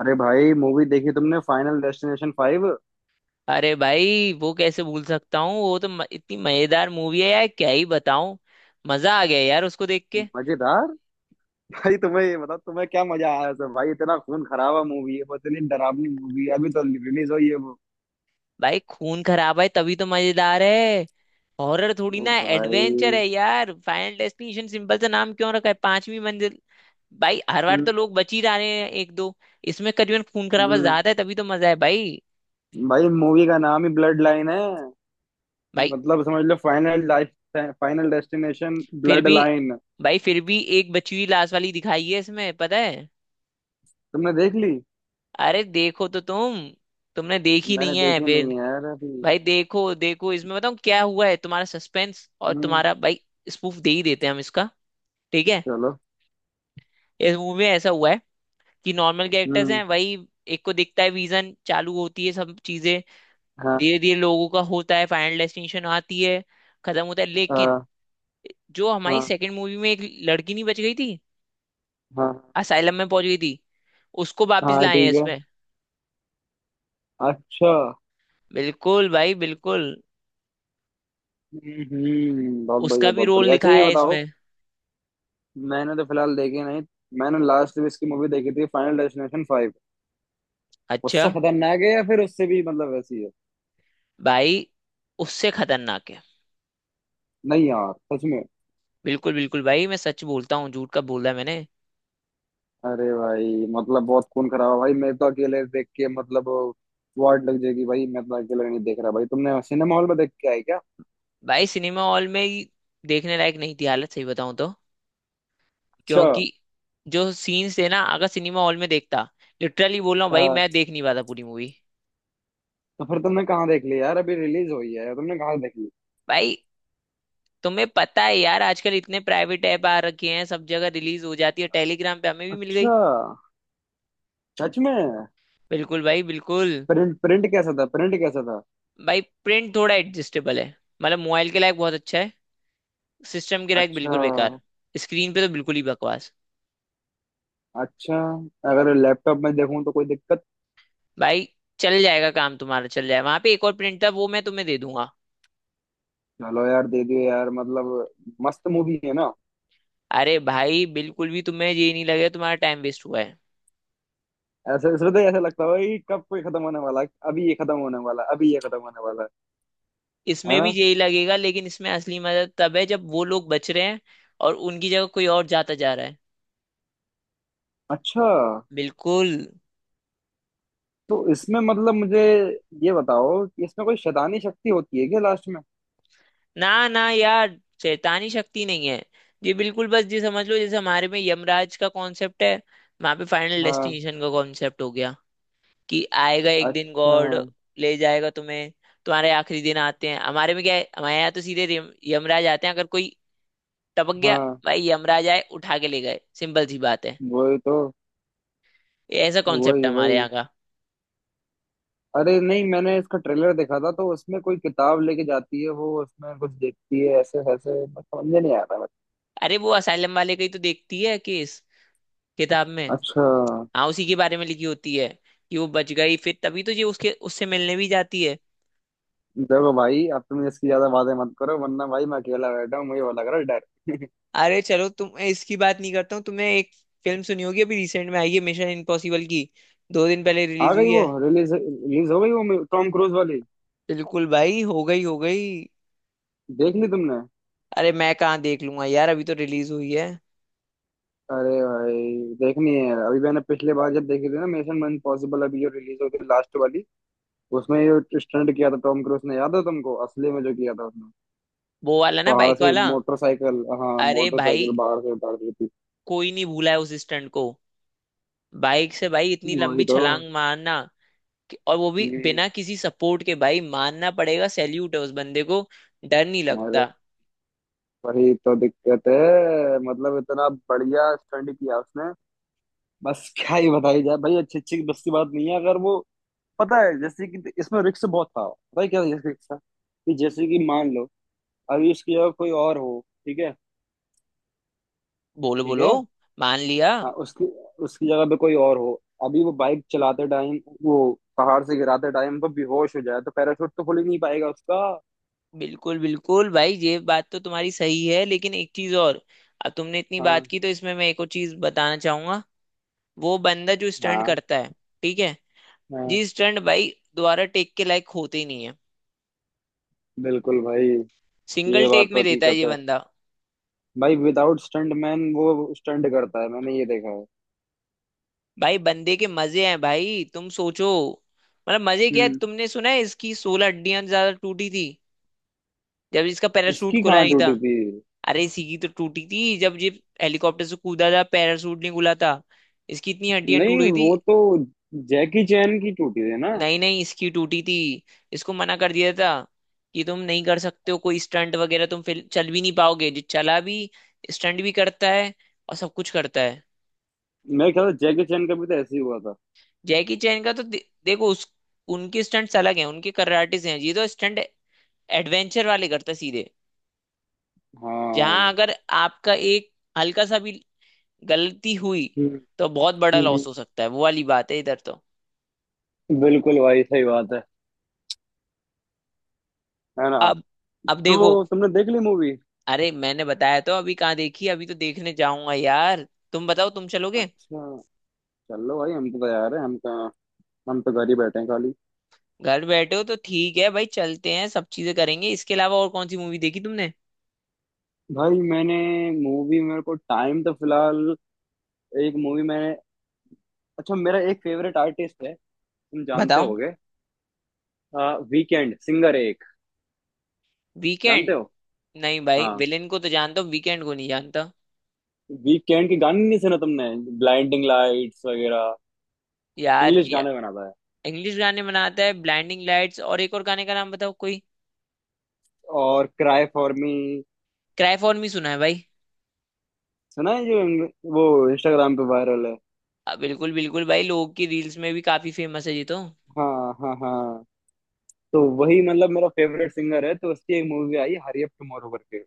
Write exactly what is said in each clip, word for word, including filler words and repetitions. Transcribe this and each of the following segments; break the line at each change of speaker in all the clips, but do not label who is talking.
अरे भाई मूवी देखी तुमने फाइनल डेस्टिनेशन फाइव?
अरे भाई वो कैसे भूल सकता हूँ। वो तो म, इतनी मजेदार मूवी है यार क्या ही बताऊं। मजा आ गया यार उसको देख के।
मजेदार। भाई तुम्हें ये बताओ, तुम्हें क्या मजा आया सब? भाई इतना खून खराबा मूवी है, बस इतनी डरावनी मूवी है, अभी तो रिलीज हुई है वो।
भाई खून खराब है तभी तो मजेदार है। हॉरर थोड़ी
ओ
ना एडवेंचर
भाई।
है यार। फाइनल डेस्टिनेशन सिंपल सा नाम क्यों रखा है पांचवी मंजिल। भाई हर बार
हम्म।
तो लोग बच ही जा रहे हैं एक दो। इसमें करीबन खून खराबा
हम्म।
ज्यादा है तभी तो मजा है भाई।
भाई मूवी का नाम ही ब्लड लाइन है।
भाई
मतलब समझ लो फाइनल लाइफ। फाइनल डेस्टिनेशन
फिर
ब्लड
भी
लाइन।
भाई फिर भी एक बची हुई लाश वाली दिखाई है इसमें पता है।
तुमने देख ली?
अरे देखो तो तुम। तुमने देखी
मैंने
नहीं है
देखी नहीं
फिर।
है यार अभी।
भाई देखो देखो इसमें बताऊँ क्या हुआ है तुम्हारा सस्पेंस और
हम्म।
तुम्हारा भाई स्पूफ दे ही देते हैं हम इसका। ठीक है।
चलो।
इस मूवी में ऐसा हुआ है कि नॉर्मल कैरेक्टर्स
हम्म।
हैं वही। एक को दिखता है विजन चालू होती है सब चीजें।
हाँ।
धीरे धीरे लोगों का होता है फाइनल डेस्टिनेशन आती है खत्म होता है। लेकिन
हाँ।
जो हमारी
हाँ।
सेकंड मूवी में एक लड़की नहीं बच गई थी
हाँ।
असाइलम में पहुंच गई थी उसको वापस
हाँ
लाए हैं
ठीक है।
इसमें।
अच्छा।
बिल्कुल भाई बिल्कुल।
हम्म, बहुत
उसका
बढ़िया,
भी
बहुत
रोल
बढ़िया। अच्छा,
दिखाया
ये
है
बताओ,
इसमें।
मैंने तो फिलहाल देखी नहीं। मैंने लास्ट में इसकी मूवी देखी थी, फाइनल डेस्टिनेशन फाइव।
अच्छा।
उससे खतरनाक है या फिर उससे भी मतलब वैसी है?
भाई उससे खतरनाक है।
नहीं यार, सच में?
बिल्कुल बिल्कुल भाई मैं सच बोलता हूँ झूठ कब बोला है मैंने।
अरे भाई मतलब बहुत खून खराब है भाई, मैं तो अकेले देख के मतलब वाट लग जाएगी भाई, मैं तो अकेले नहीं देख रहा भाई। तुमने सिनेमा हॉल में देख के आई क्या?
भाई सिनेमा हॉल में ही देखने लायक नहीं थी हालत सही बताऊँ तो।
अच्छा।
क्योंकि जो सीन्स थे ना अगर सिनेमा हॉल में देखता लिटरली बोल रहा हूँ भाई
हाँ।
मैं देख नहीं पाता पूरी मूवी।
तो फिर तुमने कहाँ देख ली यार? अभी रिलीज हुई है, तुमने कहाँ से देख ली?
भाई तुम्हें पता है यार आजकल इतने प्राइवेट ऐप आ रखे हैं सब जगह रिलीज हो जाती है टेलीग्राम पे हमें भी मिल गई।
अच्छा। सच में?
बिल्कुल भाई बिल्कुल।
प्रिंट प्रिंट कैसा था, प्रिंट कैसा था?
भाई प्रिंट थोड़ा एडजस्टेबल है मतलब मोबाइल के लायक बहुत अच्छा है सिस्टम के लायक
अच्छा।
बिल्कुल बेकार। स्क्रीन पे तो बिल्कुल ही बकवास।
अच्छा। अगर लैपटॉप में देखूं तो कोई दिक्कत?
भाई चल जाएगा काम तुम्हारा चल जाएगा वहां पे एक और प्रिंटर वो मैं तुम्हें दे दूंगा।
चलो यार, दे दियो यार, मतलब मस्त मूवी है ना?
अरे भाई बिल्कुल भी तुम्हें ये नहीं लगेगा तुम्हारा टाइम वेस्ट हुआ है।
ऐसे इसमें तो ऐसा लगता है कि कब कोई खत्म होने वाला है, अभी ये खत्म होने वाला है, अभी ये खत्म होने वाला है। है
इसमें भी
ना?
यही लगेगा लेकिन इसमें असली मजा तब है जब वो लोग बच रहे हैं और उनकी जगह कोई और जाता जा रहा है
अच्छा।
बिल्कुल।
तो इसमें मतलब मुझे ये बताओ कि इसमें कोई शैतानी शक्ति होती है क्या लास्ट में?
ना ना यार शैतानी शक्ति नहीं है। ये बिल्कुल बस ये समझ लो जैसे हमारे में यमराज का कॉन्सेप्ट है वहां पे फाइनल
हाँ।
डेस्टिनेशन का कॉन्सेप्ट हो गया कि आएगा एक दिन
अच्छा।
गॉड ले जाएगा तुम्हें। तुम्हारे आखिरी दिन आते हैं। हमारे में क्या है हमारे यहाँ तो सीधे रिम- यमराज आते हैं अगर कोई टपक गया।
हाँ,
भाई यमराज आए उठा के ले गए सिंपल सी बात है।
वही तो।
ये ऐसा कॉन्सेप्ट
वही
है हमारे यहाँ
वही।
का।
अरे नहीं, मैंने इसका ट्रेलर देखा था तो उसमें कोई किताब लेके जाती है वो, उसमें कुछ देखती है ऐसे ऐसे, बस समझ में नहीं आ रहा बस।
अरे वो असाइलम वाले का ही तो देखती है केस किताब में।
अच्छा।
हाँ उसी के बारे में लिखी होती है कि वो बच गई फिर तभी तो ये उसके उससे मिलने भी जाती है।
देखो भाई, अब तुम इसकी ज्यादा बातें मत करो वरना भाई मैं अकेला बैठा हूँ, मुझे वो लग रहा है डर।
अरे चलो तुम इसकी बात नहीं करता हूँ। तुमने एक फिल्म सुनी होगी अभी रिसेंट में आई है मिशन इम्पॉसिबल की। दो दिन पहले
आ
रिलीज
गई
हुई
वो,
है।
रिलीज रिलीज हो गई वो टॉम क्रूज वाली।
बिल्कुल भाई हो गई हो गई।
देख ली तुमने?
अरे मैं कहाँ देख लूंगा यार अभी तो रिलीज हुई है।
अरे भाई देखनी है अभी। मैंने पिछले बार जब देखी थी ना मिशन इम्पॉसिबल, अभी जो रिलीज हुई थी लास्ट वाली, उसमें जो स्टंट किया था टॉम क्रूज ने, याद है तुमको? असली में जो किया था उसने,
वो वाला ना
पहाड़
बाइक
से
वाला।
मोटरसाइकिल, हाँ
अरे
मोटरसाइकिल
भाई
बाहर से उतार दी थी।
कोई नहीं भूला है उस स्टंट को। बाइक से भाई इतनी लंबी
वही तो।
छलांग मारना कि, और वो भी
हम्म।
बिना किसी सपोर्ट के भाई मानना पड़ेगा सैल्यूट है उस बंदे को। डर नहीं
अरे
लगता।
वही तो दिक्कत है, मतलब इतना बढ़िया स्टंट किया उसने, बस क्या ही बताई जाए भाई। अच्छी अच्छी बस की बात नहीं है अगर वो, पता है जैसे कि इसमें रिस्क बहुत था, पता है क्या रिस्क था? कि जैसे कि मान लो अभी उसकी जगह कोई और हो। ठीक है।
बोलो
ठीक
बोलो।
है।
मान लिया।
हाँ, उसकी उसकी जगह पे कोई और हो, अभी वो बाइक चलाते टाइम वो पहाड़ से गिराते टाइम वो बेहोश हो जाए तो पैराशूट तो खुल ही नहीं पाएगा उसका।
बिल्कुल बिल्कुल भाई ये बात तो तुम्हारी सही है लेकिन एक चीज और। अब तुमने इतनी बात
हाँ।
की तो इसमें मैं एक और चीज बताना चाहूंगा। वो बंदा जो स्टंट
हाँ।
करता है ठीक है
हाँ,
जी स्टंट भाई दोबारा टेक के लायक होते ही नहीं है।
बिल्कुल भाई,
सिंगल
ये बात
टेक
तो
में देता है
हकीकत
ये
है।
बंदा।
भाई विदाउट स्टंट मैन वो स्टंट करता है, मैंने ये देखा है।
भाई बंदे के मजे हैं भाई तुम सोचो। मतलब मजे क्या है।
हम्म।
तुमने सुना है इसकी सोलह हड्डियां ज्यादा टूटी थी जब इसका पैराशूट
इसकी
खुला
कहाँ
नहीं था।
टूटी थी?
अरे इसी की तो टूटी थी जब ये हेलीकॉप्टर से कूदा था पैराशूट नहीं खुला था इसकी इतनी हड्डियां
नहीं,
टूट गई थी।
वो तो जैकी चैन की टूटी थी ना?
नहीं नहीं इसकी टूटी थी। इसको मना कर दिया था कि तुम नहीं कर सकते हो कोई स्टंट वगैरह तुम फिर चल भी नहीं पाओगे। जो चला भी स्टंट भी करता है और सब कुछ करता है।
मैं ख्याल से जैकी चैन का भी तो ऐसे ही हुआ था।
जैकी चैन का तो दे, देखो। उस उनके स्टंट्स अलग हैं उनके कराटेज हैं। ये तो स्टंट एडवेंचर वाले करते हैं सीधे जहां
हाँ।
अगर आपका एक हल्का सा भी गलती हुई
हम्म,
तो बहुत बड़ा
हम्म,
लॉस हो सकता है वो वाली बात है इधर तो।
बिल्कुल भाई सही बात है। है ना?
अब अब
तो
देखो।
तुमने देख ली मूवी?
अरे मैंने बताया तो अभी कहाँ देखी अभी तो देखने जाऊंगा यार। तुम बताओ तुम चलोगे।
अच्छा। चलो भाई, हम तो तैयार हैं, हम कहाँ, हम तो घर ही बैठे हैं खाली।
घर बैठे हो तो ठीक है भाई चलते हैं सब चीजें करेंगे। इसके अलावा और कौन सी मूवी देखी तुमने
भाई मैंने मूवी, मेरे को टाइम तो फिलहाल, एक मूवी मैंने, अच्छा, मेरा एक फेवरेट आर्टिस्ट है, तुम जानते
बताओ।
होगे। आ, वीकेंड सिंगर एक, जानते
वीकेंड।
हो?
नहीं भाई
हाँ।
विलेन को तो जानता हूँ वीकेंड को नहीं जानता
वीकेंड के गाने नहीं सुना तुमने? ब्लाइंडिंग लाइट्स वगैरह।
यार।
इंग्लिश गाने बनाता है।
इंग्लिश गाने बनाता है ब्लाइंडिंग लाइट्स और एक और गाने का नाम बताओ कोई।
और cry for me.
Cry for me सुना है भाई।
सुना है जो इंग्लि- वो इंस्टाग्राम पे वायरल है।
अ, बिल्कुल बिल्कुल भाई लोगों की रील्स में भी काफी फेमस है ये तो।
हाँ हाँ हाँ। तो वही मतलब मेरा फेवरेट सिंगर है, तो उसकी एक मूवी आई हरी अप टुमारो करके।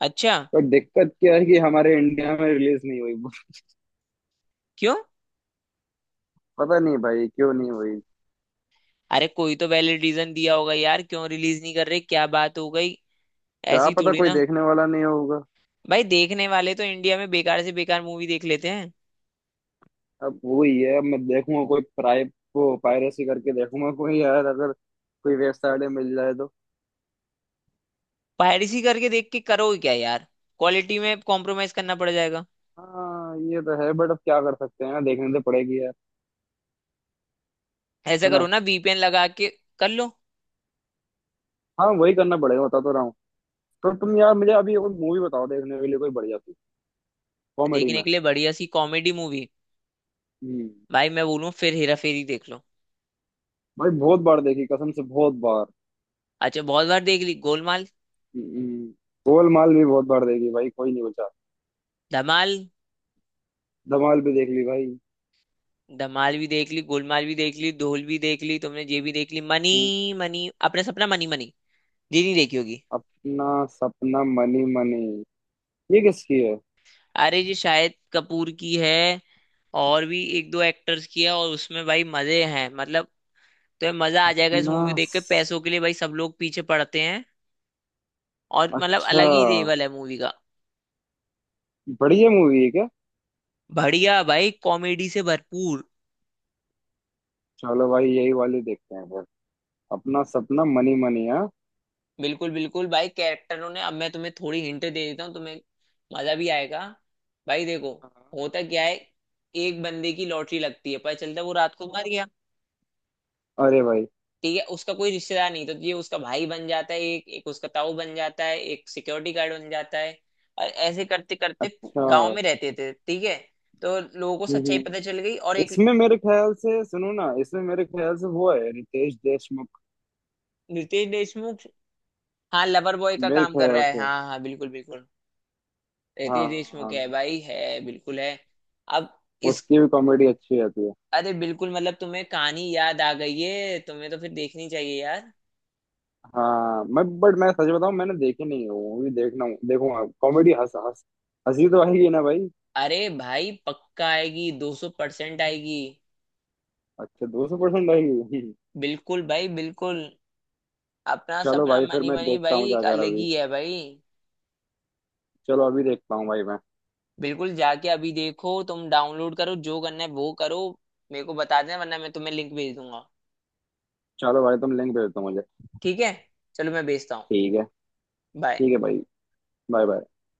अच्छा।
पर दिक्कत क्या है कि हमारे इंडिया में रिलीज नहीं हुई।
क्यों।
पता नहीं भाई क्यों नहीं हुई।
अरे कोई तो वैलिड रीजन दिया होगा यार क्यों रिलीज नहीं कर रहे क्या बात हो गई।
क्या
ऐसी
पता
थोड़ी
कोई
ना
देखने वाला नहीं होगा।
भाई देखने वाले तो इंडिया में बेकार से बेकार मूवी देख लेते हैं।
अब वही है, अब मैं देखूंगा कोई प्राइ वो पायरेसी करके देखूंगा कोई यार, अगर कोई वेबसाइट में मिल जाए तो।
पायरेसी करके देख के करो क्या यार क्वालिटी में कॉम्प्रोमाइज करना पड़ जाएगा।
हाँ ये तो है, बट अब क्या कर सकते हैं, देखने तो पड़ेगी यार।
ऐसा
है
करो
ना?
ना वीपीएन लगा के कर लो।
हाँ, वही करना पड़ेगा, बता तो रहा हूँ। तो तुम यार मुझे अभी कोई मूवी बताओ देखने के लिए, कोई बढ़िया सी कॉमेडी
देखने
में।
के लिए बढ़िया सी कॉमेडी मूवी।
हम्म।
भाई मैं बोलूँ फिर हेरा फेरी देख लो।
भाई, बहुत बार देखी कसम से, बहुत बार।
अच्छा बहुत बार देख ली गोलमाल।
हम्म, गोलमाल भी बहुत बार देखी भाई, कोई नहीं बचा।
धमाल।
धमाल भी देख ली भाई।
धमाल भी देख ली गोलमाल भी देख ली ढोल भी देख ली तुमने ये भी देख ली मनी
हम्म,
money. Apna Sapna money money ये नहीं देखी होगी।
अपना सपना मनी मनी, ये किसकी है?
अरे ये शाहिद कपूर की है और भी एक दो एक्टर्स की है। और उसमें भाई मजे हैं मतलब। तो मजा आ जाएगा इस
अपना
मूवी देख के।
स-।
पैसों के लिए भाई सब लोग पीछे पड़ते हैं और मतलब
अच्छा।
अलग ही लेवल है मूवी का।
बढ़िया मूवी है क्या?
बढ़िया भाई कॉमेडी से भरपूर।
चलो भाई, यही वाली देखते हैं फिर। अपना सपना मनी मनी। हाँ।
बिल्कुल बिल्कुल भाई कैरेक्टरों ने अब मैं तुम्हें थोड़ी हिंट दे देता हूँ तुम्हें। मजा भी आएगा। भाई देखो
हाँ,
होता क्या है एक बंदे की लॉटरी लगती है पता चलता है वो रात को मर गया।
अरे भाई।
ठीक है उसका कोई रिश्तेदार नहीं तो ये उसका भाई बन जाता है एक एक उसका ताऊ बन जाता है एक सिक्योरिटी गार्ड बन जाता है और ऐसे करते करते
अच्छा।
गांव
हम्म,
में रहते थे ठीक है। तो लोगों को सच्चाई
हम्म।
पता चल गई और एक
इसमें मेरे ख्याल से, सुनो ना, इसमें मेरे ख्याल से वो है रितेश देशमुख।
रितेश देशमुख। हाँ लवर बॉय का
मेरे
काम कर
ख्याल
रहा है
से,
हाँ हाँ बिल्कुल बिल्कुल।
हाँ
रितेश देशमुख है
हाँ,
भाई है बिल्कुल है। अब इस
उसकी भी कॉमेडी अच्छी रहती है।
अरे बिल्कुल मतलब तुम्हें कहानी याद आ गई है तुम्हें तो फिर देखनी चाहिए यार।
हाँ, मैं, बट मैं सच बताऊं, मैंने देखी नहीं है, वो भी देखना, देखूंगा। कॉमेडी, हंस हंस, हंसी तो आएगी ना भाई?
अरे भाई पक्का आएगी दो सौ परसेंट आएगी।
अच्छा, दो सौ परसेंट आएगी।
बिल्कुल भाई बिल्कुल। अपना
चलो
सपना
भाई, फिर
मनी
मैं
मनी
देखता
भाई
हूँ
एक
जाकर
अलग
अभी।
ही है भाई।
चलो, अभी देखता हूँ भाई मैं।
बिल्कुल जाके अभी देखो तुम डाउनलोड करो जो करना है वो करो। मेरे को बता देना वरना मैं तुम्हें लिंक भेज दूंगा।
चलो भाई, तुम लिंक भेज दो मुझे।
ठीक है चलो मैं भेजता हूँ।
ठीक है।
बाय।
ठीक है भाई। Bye bye.